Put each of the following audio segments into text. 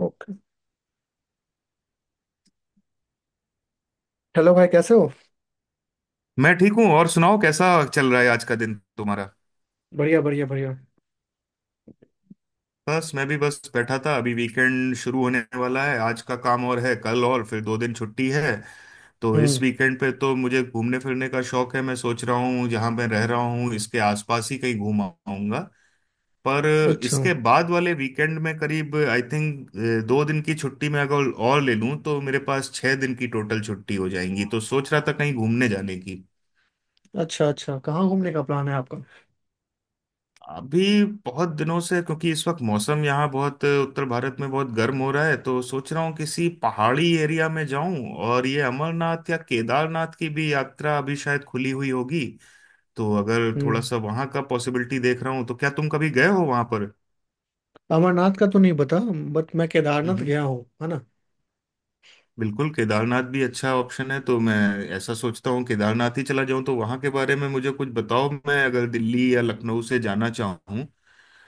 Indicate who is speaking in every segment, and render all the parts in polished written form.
Speaker 1: Okay. Hello भाई, कैसे हो?
Speaker 2: मैं ठीक हूँ। और सुनाओ कैसा चल रहा है आज का दिन तुम्हारा।
Speaker 1: बढ़िया बढ़िया बढ़िया।
Speaker 2: बस मैं भी बस बैठा था, अभी वीकेंड शुरू होने वाला है, आज का काम और है, कल और फिर 2 दिन छुट्टी है। तो
Speaker 1: हम्म।
Speaker 2: इस वीकेंड पे तो मुझे घूमने फिरने का शौक है, मैं सोच रहा हूँ जहाँ मैं रह रहा हूँ इसके आसपास ही कहीं घूम आऊंगा। पर
Speaker 1: अच्छा
Speaker 2: इसके बाद वाले वीकेंड में करीब आई थिंक 2 दिन की छुट्टी में अगर और ले लूँ तो मेरे पास 6 दिन की टोटल छुट्टी हो जाएंगी, तो सोच रहा था कहीं घूमने जाने की।
Speaker 1: अच्छा अच्छा, कहाँ घूमने का प्लान है आपका?
Speaker 2: अभी बहुत दिनों से, क्योंकि इस वक्त मौसम यहाँ बहुत, उत्तर भारत में बहुत गर्म हो रहा है, तो सोच रहा हूँ किसी पहाड़ी एरिया में जाऊं, और ये अमरनाथ या केदारनाथ की भी यात्रा अभी शायद खुली हुई होगी। तो अगर थोड़ा
Speaker 1: हम्म।
Speaker 2: सा वहां का पॉसिबिलिटी देख रहा हूँ, तो क्या तुम कभी गए हो वहां पर?
Speaker 1: अमरनाथ का तो नहीं पता, बट मैं केदारनाथ
Speaker 2: हम्म।
Speaker 1: गया हूँ, है ना।
Speaker 2: बिल्कुल, केदारनाथ भी अच्छा ऑप्शन है। तो मैं ऐसा सोचता हूँ केदारनाथ ही चला जाऊं, तो वहां के बारे में मुझे कुछ बताओ। मैं अगर दिल्ली या लखनऊ से जाना चाहूँ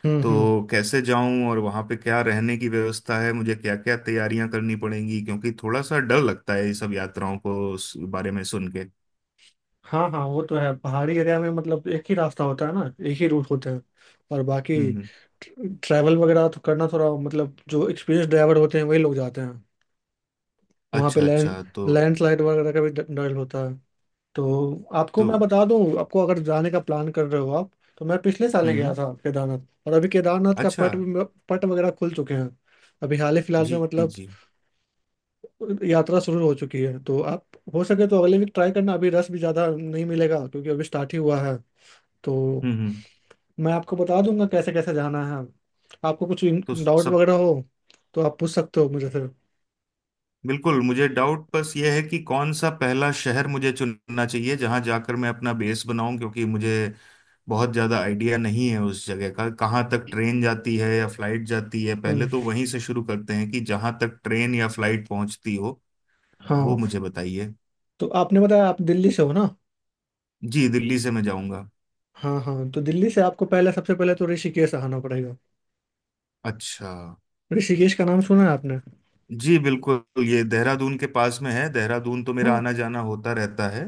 Speaker 1: हम्म।
Speaker 2: तो कैसे जाऊं, और वहां पे क्या रहने की व्यवस्था है, मुझे क्या क्या तैयारियां करनी पड़ेंगी? क्योंकि थोड़ा सा डर लगता है ये सब यात्राओं को उस बारे में सुन के।
Speaker 1: हाँ हाँ, वो तो है, पहाड़ी एरिया में मतलब एक ही रास्ता होता है ना, एक ही रूट होता है। और बाकी
Speaker 2: हम्म,
Speaker 1: ट्रैवल वगैरह तो करना थोड़ा, मतलब जो एक्सपीरियंस ड्राइवर होते हैं वही लोग जाते हैं। वहाँ पे
Speaker 2: अच्छा, अच्छा। तो
Speaker 1: लैंडस्लाइड वगैरह का भी डर डर होता है। तो आपको
Speaker 2: तो
Speaker 1: मैं बता दूं, आपको अगर जाने का प्लान कर रहे हो आप, तो मैं पिछले साल ही गया
Speaker 2: हम्म।
Speaker 1: था केदारनाथ। और अभी केदारनाथ का
Speaker 2: अच्छा।
Speaker 1: पट पट वगैरह खुल चुके हैं। अभी हाल ही फिलहाल
Speaker 2: जी,
Speaker 1: में
Speaker 2: जी,
Speaker 1: मतलब
Speaker 2: जी।
Speaker 1: यात्रा शुरू हो चुकी है। तो आप हो सके तो अगले वीक ट्राई करना, अभी रश भी ज़्यादा नहीं मिलेगा क्योंकि अभी स्टार्ट ही हुआ है। तो
Speaker 2: हम्म, हम्म।
Speaker 1: मैं आपको बता दूंगा कैसे कैसे जाना है। आपको कुछ
Speaker 2: तो
Speaker 1: डाउट
Speaker 2: सब,
Speaker 1: वगैरह हो तो आप पूछ सकते हो मुझे फिर।
Speaker 2: बिल्कुल, मुझे डाउट बस ये है कि कौन सा पहला शहर मुझे चुनना चाहिए जहां जाकर मैं अपना बेस बनाऊं, क्योंकि मुझे बहुत ज्यादा आइडिया नहीं है उस जगह का, कहाँ तक ट्रेन जाती है या फ्लाइट जाती है। पहले
Speaker 1: हम्म।
Speaker 2: तो वहीं से शुरू करते हैं कि जहां तक ट्रेन या फ्लाइट पहुंचती हो वो
Speaker 1: हाँ,
Speaker 2: मुझे बताइए।
Speaker 1: तो आपने बताया आप दिल्ली से हो ना।
Speaker 2: जी दिल्ली से मैं जाऊंगा।
Speaker 1: हाँ हाँ, तो दिल्ली से आपको पहले सबसे पहले तो ऋषिकेश आना पड़ेगा।
Speaker 2: अच्छा।
Speaker 1: ऋषिकेश का नाम सुना है आपने?
Speaker 2: जी बिल्कुल, ये देहरादून के पास में है, देहरादून तो मेरा
Speaker 1: हाँ।
Speaker 2: आना जाना होता रहता है,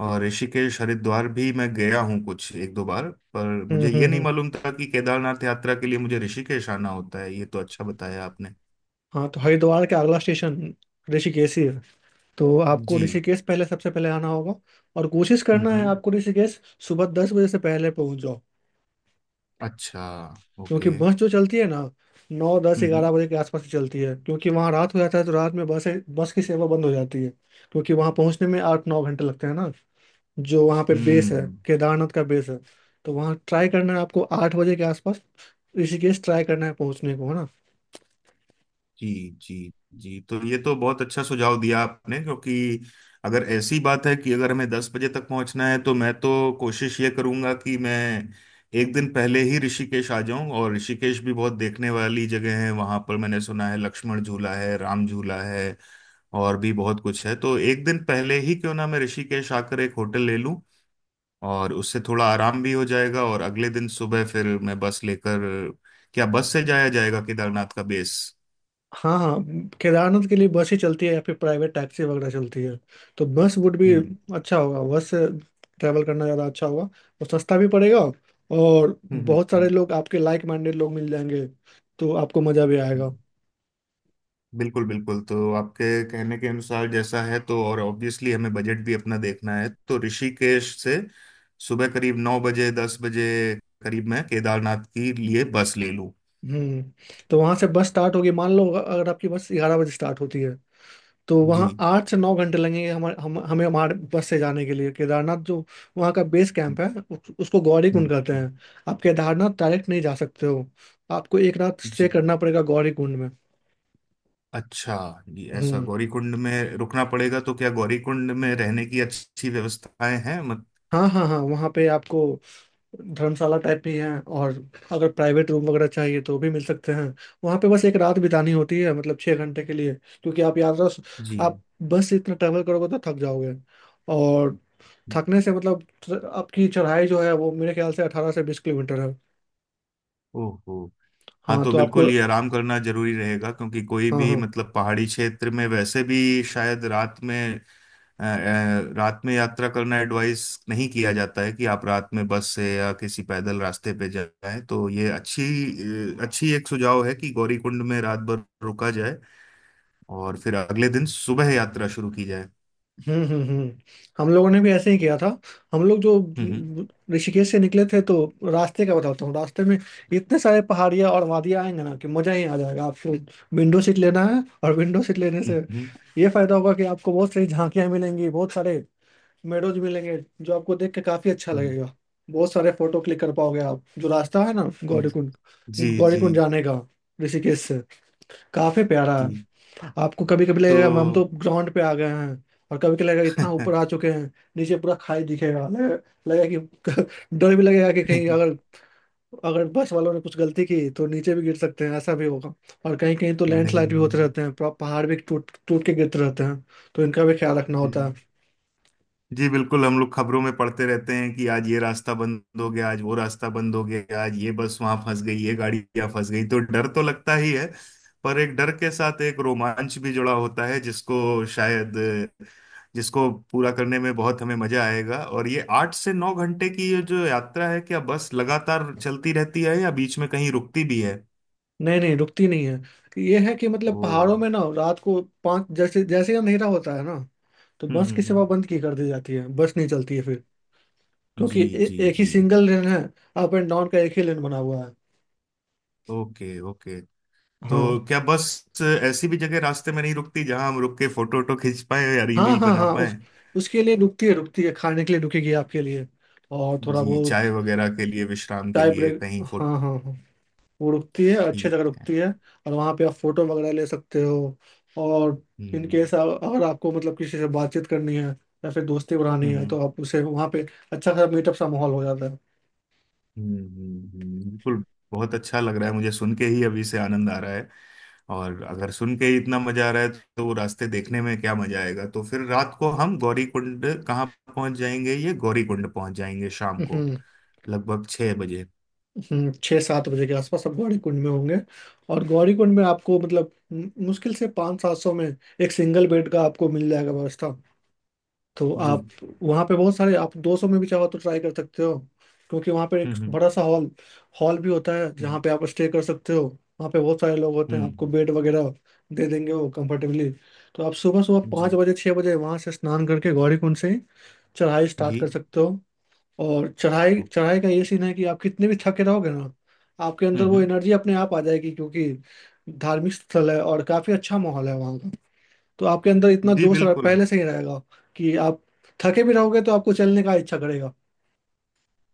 Speaker 2: और ऋषिकेश हरिद्वार भी मैं गया हूँ कुछ एक दो बार, पर मुझे ये नहीं
Speaker 1: हम्म।
Speaker 2: मालूम था कि केदारनाथ यात्रा के लिए मुझे ऋषिकेश आना होता है, ये तो अच्छा बताया आपने।
Speaker 1: हाँ, तो हरिद्वार के अगला स्टेशन ऋषिकेश ही है। तो आपको
Speaker 2: जी।
Speaker 1: ऋषिकेश पहले सबसे पहले आना होगा। और कोशिश
Speaker 2: हम्म,
Speaker 1: करना है
Speaker 2: हम्म।
Speaker 1: आपको ऋषिकेश सुबह 10 बजे से पहले पहुंच जाओ,
Speaker 2: अच्छा,
Speaker 1: क्योंकि
Speaker 2: ओके।
Speaker 1: बस जो चलती है ना, नौ दस
Speaker 2: हम्म,
Speaker 1: ग्यारह
Speaker 2: हम्म,
Speaker 1: बजे के आसपास ही चलती है। क्योंकि वहाँ रात हो जाता है, तो रात में बस बस की सेवा बंद हो जाती है। क्योंकि वहाँ पहुँचने में 8 9 घंटे लगते हैं ना, जो वहाँ पे बेस है,
Speaker 2: हम्म।
Speaker 1: केदारनाथ का बेस है। तो वहाँ ट्राई करना है आपको 8 बजे के आसपास ऋषिकेश, ट्राई करना है पहुँचने को, है ना।
Speaker 2: जी। जी। जी, तो ये तो बहुत अच्छा सुझाव दिया आपने, क्योंकि अगर ऐसी बात है कि अगर हमें 10 बजे तक पहुंचना है, तो मैं तो कोशिश ये करूंगा कि मैं एक दिन पहले ही ऋषिकेश आ जाऊं, और ऋषिकेश भी बहुत देखने वाली जगह है, वहां पर मैंने सुना है लक्ष्मण झूला है, राम झूला है, और भी बहुत कुछ है। तो एक दिन पहले ही क्यों ना मैं ऋषिकेश आकर एक होटल ले लूं, और उससे थोड़ा आराम भी हो जाएगा, और अगले दिन सुबह फिर मैं बस लेकर, क्या बस से जाया जाएगा केदारनाथ का बेस?
Speaker 1: हाँ हाँ। केदारनाथ के लिए बस ही चलती है या फिर प्राइवेट टैक्सी वगैरह चलती है, तो बस वुड भी
Speaker 2: हम्म,
Speaker 1: अच्छा होगा, बस से ट्रैवल करना ज़्यादा अच्छा होगा, और सस्ता भी पड़ेगा, और
Speaker 2: हम्म,
Speaker 1: बहुत सारे लोग आपके लाइक माइंडेड लोग मिल जाएंगे, तो आपको मज़ा भी आएगा।
Speaker 2: हम्म। बिल्कुल, बिल्कुल, तो आपके कहने के अनुसार जैसा है, तो और ऑब्वियसली हमें बजट भी अपना देखना है। तो ऋषिकेश से सुबह करीब 9 बजे, 10 बजे करीब मैं केदारनाथ के लिए बस ले लूँ।
Speaker 1: हम्म। तो वहाँ से बस स्टार्ट होगी, मान लो अगर आपकी बस 11 बजे स्टार्ट होती है, तो वहाँ
Speaker 2: जी।
Speaker 1: 8 से 9 घंटे लगेंगे हमारे, हमें हमारे बस से जाने के लिए, केदारनाथ जो वहाँ का बेस
Speaker 2: हम्म,
Speaker 1: कैंप है उसको
Speaker 2: हम्म,
Speaker 1: गौरीकुंड कहते
Speaker 2: हम्म।
Speaker 1: हैं। आप केदारनाथ डायरेक्ट नहीं जा सकते हो, आपको एक रात स्टे
Speaker 2: जी।
Speaker 1: करना पड़ेगा गौरीकुंड में।
Speaker 2: अच्छा। जी, ऐसा
Speaker 1: हम्म।
Speaker 2: गौरीकुंड में रुकना पड़ेगा, तो क्या गौरीकुंड में रहने की अच्छी व्यवस्थाएं हैं? मत,
Speaker 1: हाँ हाँ हाँ, वहाँ पे आपको धर्मशाला टाइप भी है, और अगर प्राइवेट रूम वगैरह चाहिए तो भी मिल सकते हैं। वहाँ पे बस एक रात बितानी होती है, मतलब 6 घंटे के लिए, क्योंकि आप यात्रा
Speaker 2: जी,
Speaker 1: आप बस से इतना ट्रैवल करोगे तो थक जाओगे, और थकने से मतलब आपकी चढ़ाई जो है वो मेरे ख्याल से 18 से 20 किलोमीटर है।
Speaker 2: ओहो, हाँ,
Speaker 1: हाँ
Speaker 2: तो
Speaker 1: तो आपको।
Speaker 2: बिल्कुल ये आराम करना जरूरी रहेगा, क्योंकि कोई
Speaker 1: हाँ
Speaker 2: भी,
Speaker 1: हाँ।
Speaker 2: मतलब पहाड़ी क्षेत्र में वैसे भी शायद रात में, रात में यात्रा करना एडवाइस नहीं किया जाता है कि आप रात में बस से या किसी पैदल रास्ते पे जाएं। तो ये अच्छी एक सुझाव है कि गौरीकुंड में रात भर रुका जाए, और फिर अगले दिन सुबह यात्रा शुरू की जाए।
Speaker 1: हम्म। हम लोगों ने भी ऐसे ही किया था, हम लोग जो
Speaker 2: हम्म,
Speaker 1: ऋषिकेश से निकले थे तो रास्ते का बताता हूँ। रास्ते में इतने सारे पहाड़ियाँ और वादियाँ आएंगे ना कि मजा ही आ जाएगा आपको। विंडो सीट लेना है, और विंडो सीट लेने से
Speaker 2: हम्म,
Speaker 1: ये फायदा होगा कि आपको बहुत सारी झांकियाँ मिलेंगी, बहुत सारे मेडोज मिलेंगे, जो आपको देख के काफी अच्छा
Speaker 2: हम्म,
Speaker 1: लगेगा। बहुत सारे फोटो क्लिक कर पाओगे आप। जो रास्ता है ना,
Speaker 2: हम्म।
Speaker 1: गौरीकुंड,
Speaker 2: जी, जी,
Speaker 1: गौरीकुंड जाने का, ऋषिकेश से, काफी प्यारा
Speaker 2: जी।
Speaker 1: है। आपको कभी कभी लगेगा हम तो
Speaker 2: तो
Speaker 1: ग्राउंड पे आ गए हैं, और कभी कभी लगेगा इतना ऊपर आ चुके हैं। नीचे पूरा खाई दिखेगा, लगेगा कि डर भी लगेगा कि कहीं अगर, बस वालों ने कुछ गलती की तो नीचे भी गिर सकते हैं, ऐसा भी होगा। और कहीं कहीं तो लैंडस्लाइड भी होते
Speaker 2: नहीं।
Speaker 1: रहते हैं, पूरा पहाड़ भी टूट टूट के गिरते रहते हैं, तो इनका भी ख्याल रखना होता है।
Speaker 2: हम्म। जी बिल्कुल, हम लोग खबरों में पढ़ते रहते हैं कि आज ये रास्ता बंद हो गया, आज वो रास्ता बंद हो गया, आज ये बस वहां फंस गई, ये गाड़ी यहाँ फंस गई, तो डर तो लगता ही है। पर एक डर के साथ एक रोमांच भी जुड़ा होता है जिसको पूरा करने में बहुत हमें मजा आएगा। और ये 8 से 9 घंटे की ये जो यात्रा है, क्या बस लगातार चलती रहती है या बीच में कहीं रुकती भी है?
Speaker 1: नहीं नहीं, रुकती नहीं है। कि ये है कि मतलब
Speaker 2: ओ,
Speaker 1: पहाड़ों में ना रात को पाँच, जैसे जैसे ही अंधेरा होता है ना, तो
Speaker 2: हम्म,
Speaker 1: बस की
Speaker 2: हम्म,
Speaker 1: सेवा बंद की कर दी जाती है, बस नहीं चलती है फिर। क्योंकि
Speaker 2: जी, जी,
Speaker 1: एक ही
Speaker 2: जी।
Speaker 1: सिंगल लेन है, अप एंड डाउन का एक ही लेन बना हुआ है।
Speaker 2: Okay, okay.
Speaker 1: हाँ
Speaker 2: तो क्या बस ऐसी भी जगह रास्ते में नहीं रुकती जहां हम रुक के फोटो वोटो खींच पाए या रील
Speaker 1: हाँ
Speaker 2: ईल
Speaker 1: हाँ
Speaker 2: बना
Speaker 1: हाँ, उस
Speaker 2: पाए?
Speaker 1: उसके लिए रुकती है, रुकती है खाने के लिए रुकेगी आपके लिए, और थोड़ा
Speaker 2: जी, चाय
Speaker 1: बहुत
Speaker 2: वगैरह के लिए, विश्राम के
Speaker 1: चाय
Speaker 2: लिए,
Speaker 1: ब्रेक,
Speaker 2: कहीं
Speaker 1: हाँ
Speaker 2: फोटो,
Speaker 1: हाँ हाँ, वो रुकती है, अच्छी जगह
Speaker 2: ठीक है।
Speaker 1: रुकती है, और वहाँ पे आप फोटो वगैरह ले सकते हो। और इन
Speaker 2: हम्म,
Speaker 1: केस अगर आपको मतलब किसी से बातचीत करनी है या फिर दोस्ती बढ़ानी है
Speaker 2: हम्म,
Speaker 1: तो आप उसे वहाँ पे अच्छा खासा मीटअप सा माहौल हो जाता है।
Speaker 2: हम्म, बिल्कुल। बहुत अच्छा लग रहा है, मुझे सुन के ही अभी से आनंद आ रहा है। और अगर सुन के ही इतना मजा आ रहा है, तो वो रास्ते देखने में क्या मजा आएगा। तो फिर रात को हम गौरी कुंड कहाँ पहुंच जाएंगे, ये गौरी कुंड पहुंच जाएंगे शाम को
Speaker 1: हम्म
Speaker 2: लगभग 6 बजे?
Speaker 1: 6 7 बजे के आसपास सब गौरी कुंड में होंगे। और गौरी कुंड में आपको मतलब मुश्किल से पाँच सात सौ में एक सिंगल बेड का आपको मिल जाएगा व्यवस्था। तो
Speaker 2: जी।
Speaker 1: आप वहाँ पे बहुत सारे आप 200 में भी चाहो तो ट्राई कर सकते हो, क्योंकि वहाँ पे एक
Speaker 2: हम्म, हम्म,
Speaker 1: बड़ा सा हॉल हॉल भी होता है जहाँ
Speaker 2: हम्म,
Speaker 1: पे आप स्टे कर सकते हो। वहाँ पे बहुत सारे लोग होते हैं, आपको
Speaker 2: हम्म।
Speaker 1: बेड वगैरह दे देंगे वो कंफर्टेबली। तो आप सुबह सुबह पाँच
Speaker 2: जी,
Speaker 1: बजे छः बजे वहाँ से स्नान करके गौरी कुंड से चढ़ाई स्टार्ट
Speaker 2: जी।
Speaker 1: कर सकते हो, और चढ़ाई
Speaker 2: ओके।
Speaker 1: चढ़ाई का ये सीन है कि आप कितने भी थके रहोगे ना, आपके अंदर
Speaker 2: हम्म,
Speaker 1: वो एनर्जी अपने आप आ जाएगी, क्योंकि धार्मिक स्थल है और काफ़ी अच्छा माहौल है वहाँ। तो आपके अंदर इतना
Speaker 2: जी
Speaker 1: जोश
Speaker 2: बिल्कुल।
Speaker 1: पहले से ही रहेगा कि आप थके भी रहोगे तो आपको चलने का इच्छा करेगा।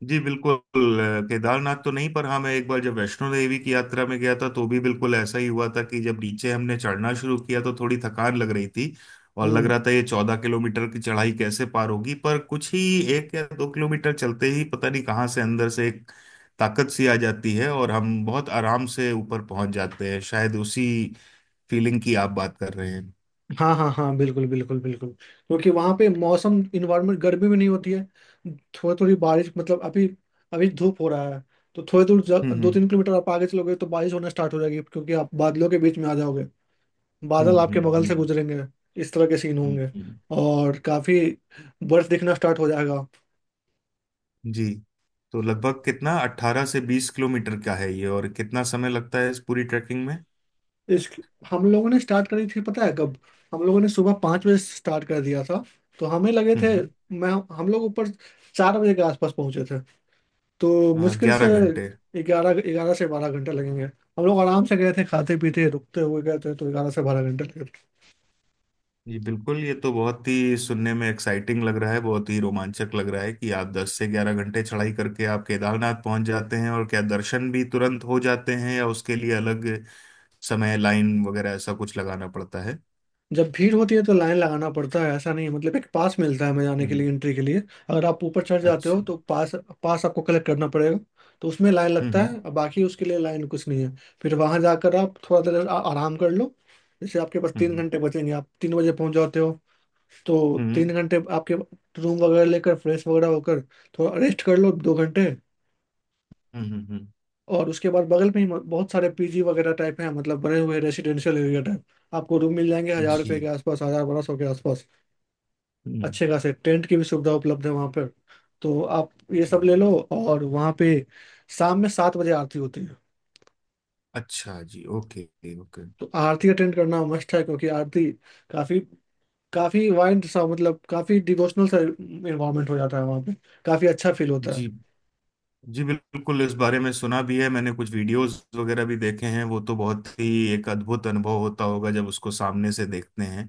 Speaker 2: जी बिल्कुल। केदारनाथ तो नहीं, पर हाँ मैं एक बार जब वैष्णो देवी की यात्रा में गया था तो भी बिल्कुल ऐसा ही हुआ था कि जब नीचे हमने चढ़ना शुरू किया तो थोड़ी थकान लग रही थी, और लग
Speaker 1: हम्म।
Speaker 2: रहा था ये 14 किलोमीटर की चढ़ाई कैसे पार होगी, पर कुछ ही 1 या 2 किलोमीटर चलते ही पता नहीं कहाँ से अंदर से एक ताकत सी आ जाती है और हम बहुत आराम से ऊपर पहुंच जाते हैं। शायद उसी फीलिंग की आप बात कर रहे हैं।
Speaker 1: हाँ हाँ हाँ, बिल्कुल बिल्कुल बिल्कुल, क्योंकि वहाँ पे मौसम इन्वायरमेंट गर्मी भी नहीं होती है, थोड़ी थोड़ी बारिश मतलब अभी अभी धूप हो रहा है। तो थोड़ी दूर
Speaker 2: हम्म,
Speaker 1: दो
Speaker 2: हम्म,
Speaker 1: तीन किलोमीटर आप आगे चलोगे तो बारिश होना स्टार्ट हो जाएगी, क्योंकि आप बादलों के बीच में आ जाओगे, बादल
Speaker 2: हम्म,
Speaker 1: आपके
Speaker 2: हम्म,
Speaker 1: बगल से
Speaker 2: हम्म,
Speaker 1: गुजरेंगे, इस तरह के सीन
Speaker 2: हम्म,
Speaker 1: होंगे,
Speaker 2: हम्म।
Speaker 1: और काफी बर्फ दिखना स्टार्ट हो जाएगा।
Speaker 2: जी, तो लगभग कितना, 18 से 20 किलोमीटर का है ये? और कितना समय लगता है इस पूरी ट्रैकिंग में?
Speaker 1: इस हम लोगों ने स्टार्ट करी थी पता है कब? हम लोगों ने सुबह 5 बजे स्टार्ट कर दिया था, तो हमें लगे थे,
Speaker 2: हम्म,
Speaker 1: मैं हम लोग ऊपर 4 बजे के आसपास पहुंचे थे, तो मुश्किल से
Speaker 2: 11 घंटे।
Speaker 1: ग्यारह 11 से 12 घंटे लगेंगे। हम लोग आराम से गए थे, खाते पीते रुकते हुए गए थे, तो 11 से 12 घंटे लगे।
Speaker 2: जी बिल्कुल, ये तो बहुत ही सुनने में एक्साइटिंग लग रहा है, बहुत ही रोमांचक लग रहा है कि आप 10 से 11 घंटे चढ़ाई करके आप केदारनाथ पहुंच जाते हैं। और क्या दर्शन भी तुरंत हो जाते हैं या उसके लिए अलग समय लाइन वगैरह ऐसा कुछ लगाना पड़ता है?
Speaker 1: जब भीड़ होती है तो लाइन लगाना पड़ता है, ऐसा नहीं है, मतलब एक पास मिलता है हमें जाने
Speaker 2: हम्म,
Speaker 1: के लिए एंट्री के लिए। अगर आप ऊपर चढ़ जाते हो
Speaker 2: अच्छा।
Speaker 1: तो पास पास आपको कलेक्ट करना पड़ेगा। तो उसमें लाइन
Speaker 2: हम्म,
Speaker 1: लगता
Speaker 2: हम्म,
Speaker 1: है, और बाकी उसके लिए लाइन कुछ नहीं है। फिर वहां जाकर आप थोड़ा देर आराम कर लो। जैसे आपके पास तीन
Speaker 2: हम्म,
Speaker 1: घंटे बचेंगे, आप 3 बजे पहुंच जाते हो, तो
Speaker 2: हम्म,
Speaker 1: 3 घंटे आपके रूम वगैरह लेकर फ्रेश वगैरह होकर थोड़ा रेस्ट कर लो 2 घंटे।
Speaker 2: हम्म,
Speaker 1: और उसके बाद बगल में ही बहुत सारे पीजी वगैरह टाइप हैं, मतलब बने हुए रेसिडेंशियल एरिया टाइप आपको रूम मिल जाएंगे हजार रुपये के
Speaker 2: जी।
Speaker 1: आसपास, हजार बारह सौ के आसपास।
Speaker 2: हम्म।
Speaker 1: अच्छे खासे टेंट की भी सुविधा उपलब्ध है वहाँ पर, तो आप ये सब
Speaker 2: जी।
Speaker 1: ले लो। और वहाँ पे शाम में 7 बजे आरती होती है,
Speaker 2: अच्छा जी। Okay, okay.
Speaker 1: तो आरती अटेंड करना मस्ट है क्योंकि आरती काफी काफी वाइंड सा मतलब काफी डिवोशनल सा इन्वायरमेंट हो जाता है वहाँ पे, काफी अच्छा फील होता है।
Speaker 2: जी, जी बिल्कुल, इस बारे में सुना भी है मैंने, कुछ वीडियोस वगैरह भी देखे हैं, वो तो बहुत ही एक अद्भुत अनुभव होता होगा जब उसको सामने से देखते हैं।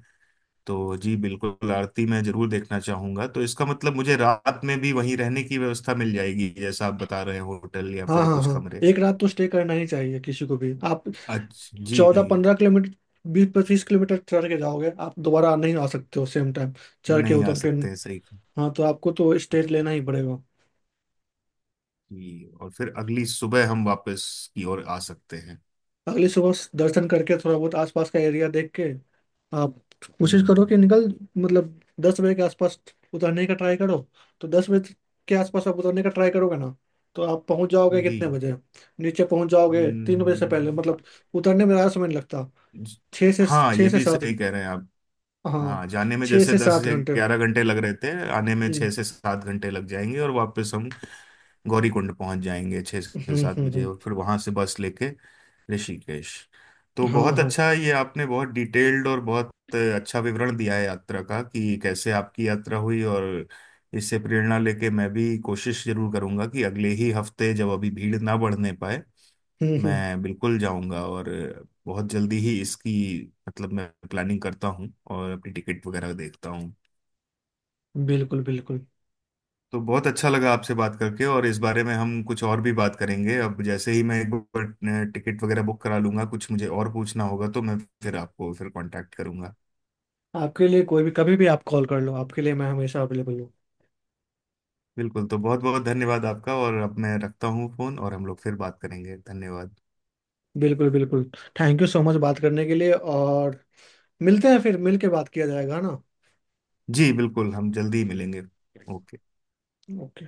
Speaker 2: तो जी बिल्कुल आरती मैं जरूर देखना चाहूंगा। तो इसका मतलब मुझे रात में भी वहीं रहने की व्यवस्था मिल जाएगी जैसा आप बता रहे हैं, होटल या
Speaker 1: हाँ
Speaker 2: फिर
Speaker 1: हाँ
Speaker 2: कुछ
Speaker 1: हाँ,
Speaker 2: कमरे?
Speaker 1: एक रात तो स्टे करना ही चाहिए किसी को भी। आप
Speaker 2: अच्छा जी।
Speaker 1: 14 15 किलोमीटर, 20 25 किलोमीटर चढ़ के जाओगे, आप दोबारा नहीं आ सकते हो सेम टाइम चढ़ के
Speaker 2: नहीं आ
Speaker 1: उतर के।
Speaker 2: सकते हैं, सही कहा।
Speaker 1: हाँ तो आपको तो स्टे लेना ही पड़ेगा।
Speaker 2: जी, और फिर अगली सुबह हम वापस की ओर आ सकते हैं?
Speaker 1: अगली सुबह दर्शन करके थोड़ा बहुत आसपास का एरिया देख के, आप कोशिश करो
Speaker 2: हम्म।
Speaker 1: कि निकल, मतलब 10 बजे के आसपास उतरने का ट्राई करो, तो 10 बजे के आसपास आप उतरने का ट्राई करोगे ना, तो आप पहुंच जाओगे
Speaker 2: जी,
Speaker 1: कितने बजे? नीचे पहुंच जाओगे 3 बजे से
Speaker 2: हम्म।
Speaker 1: पहले, मतलब उतरने में ज़्यादा समय नहीं लगता। छः से
Speaker 2: हाँ,
Speaker 1: छः
Speaker 2: ये
Speaker 1: से
Speaker 2: भी
Speaker 1: सात।
Speaker 2: सही कह रहे हैं आप।
Speaker 1: हाँ,
Speaker 2: हाँ, जाने में
Speaker 1: छः
Speaker 2: जैसे
Speaker 1: से
Speaker 2: दस
Speaker 1: सात
Speaker 2: से
Speaker 1: घंटे
Speaker 2: ग्यारह घंटे लग रहे थे, आने में
Speaker 1: हम्म
Speaker 2: 6 से 7 घंटे लग जाएंगे, और वापस हम गौरीकुंड पहुंच जाएंगे छः
Speaker 1: हम्म
Speaker 2: से सात
Speaker 1: हम्म
Speaker 2: बजे
Speaker 1: हम्म,
Speaker 2: और फिर वहां से बस लेके ऋषिकेश। तो
Speaker 1: हाँ
Speaker 2: बहुत
Speaker 1: हाँ।
Speaker 2: अच्छा, ये आपने बहुत डिटेल्ड और बहुत अच्छा विवरण दिया है यात्रा का कि कैसे आपकी यात्रा हुई, और इससे प्रेरणा लेके मैं भी कोशिश जरूर करूंगा कि अगले ही हफ्ते जब अभी भीड़ ना बढ़ने पाए
Speaker 1: हम्म,
Speaker 2: मैं बिल्कुल जाऊंगा। और बहुत जल्दी ही इसकी, मतलब मैं प्लानिंग करता हूँ और अपनी टिकट वगैरह देखता हूँ।
Speaker 1: बिल्कुल बिल्कुल।
Speaker 2: तो बहुत अच्छा लगा आपसे बात करके, और इस बारे में हम कुछ और भी बात करेंगे, अब जैसे ही मैं एक बार टिकट वगैरह बुक करा लूंगा, कुछ मुझे और पूछना होगा तो मैं फिर आपको फिर कांटेक्ट करूंगा।
Speaker 1: आपके लिए कोई भी कभी भी आप कॉल कर लो, आपके लिए मैं हमेशा अवेलेबल हूँ।
Speaker 2: बिल्कुल, तो बहुत बहुत धन्यवाद आपका, और अब मैं रखता हूँ फोन, और हम लोग फिर बात करेंगे, धन्यवाद।
Speaker 1: बिल्कुल बिल्कुल। थैंक यू सो मच बात करने के लिए, और मिलते हैं फिर, मिल के बात किया जाएगा, है ना।
Speaker 2: जी बिल्कुल, हम जल्दी ही मिलेंगे। ओके।
Speaker 1: ओके।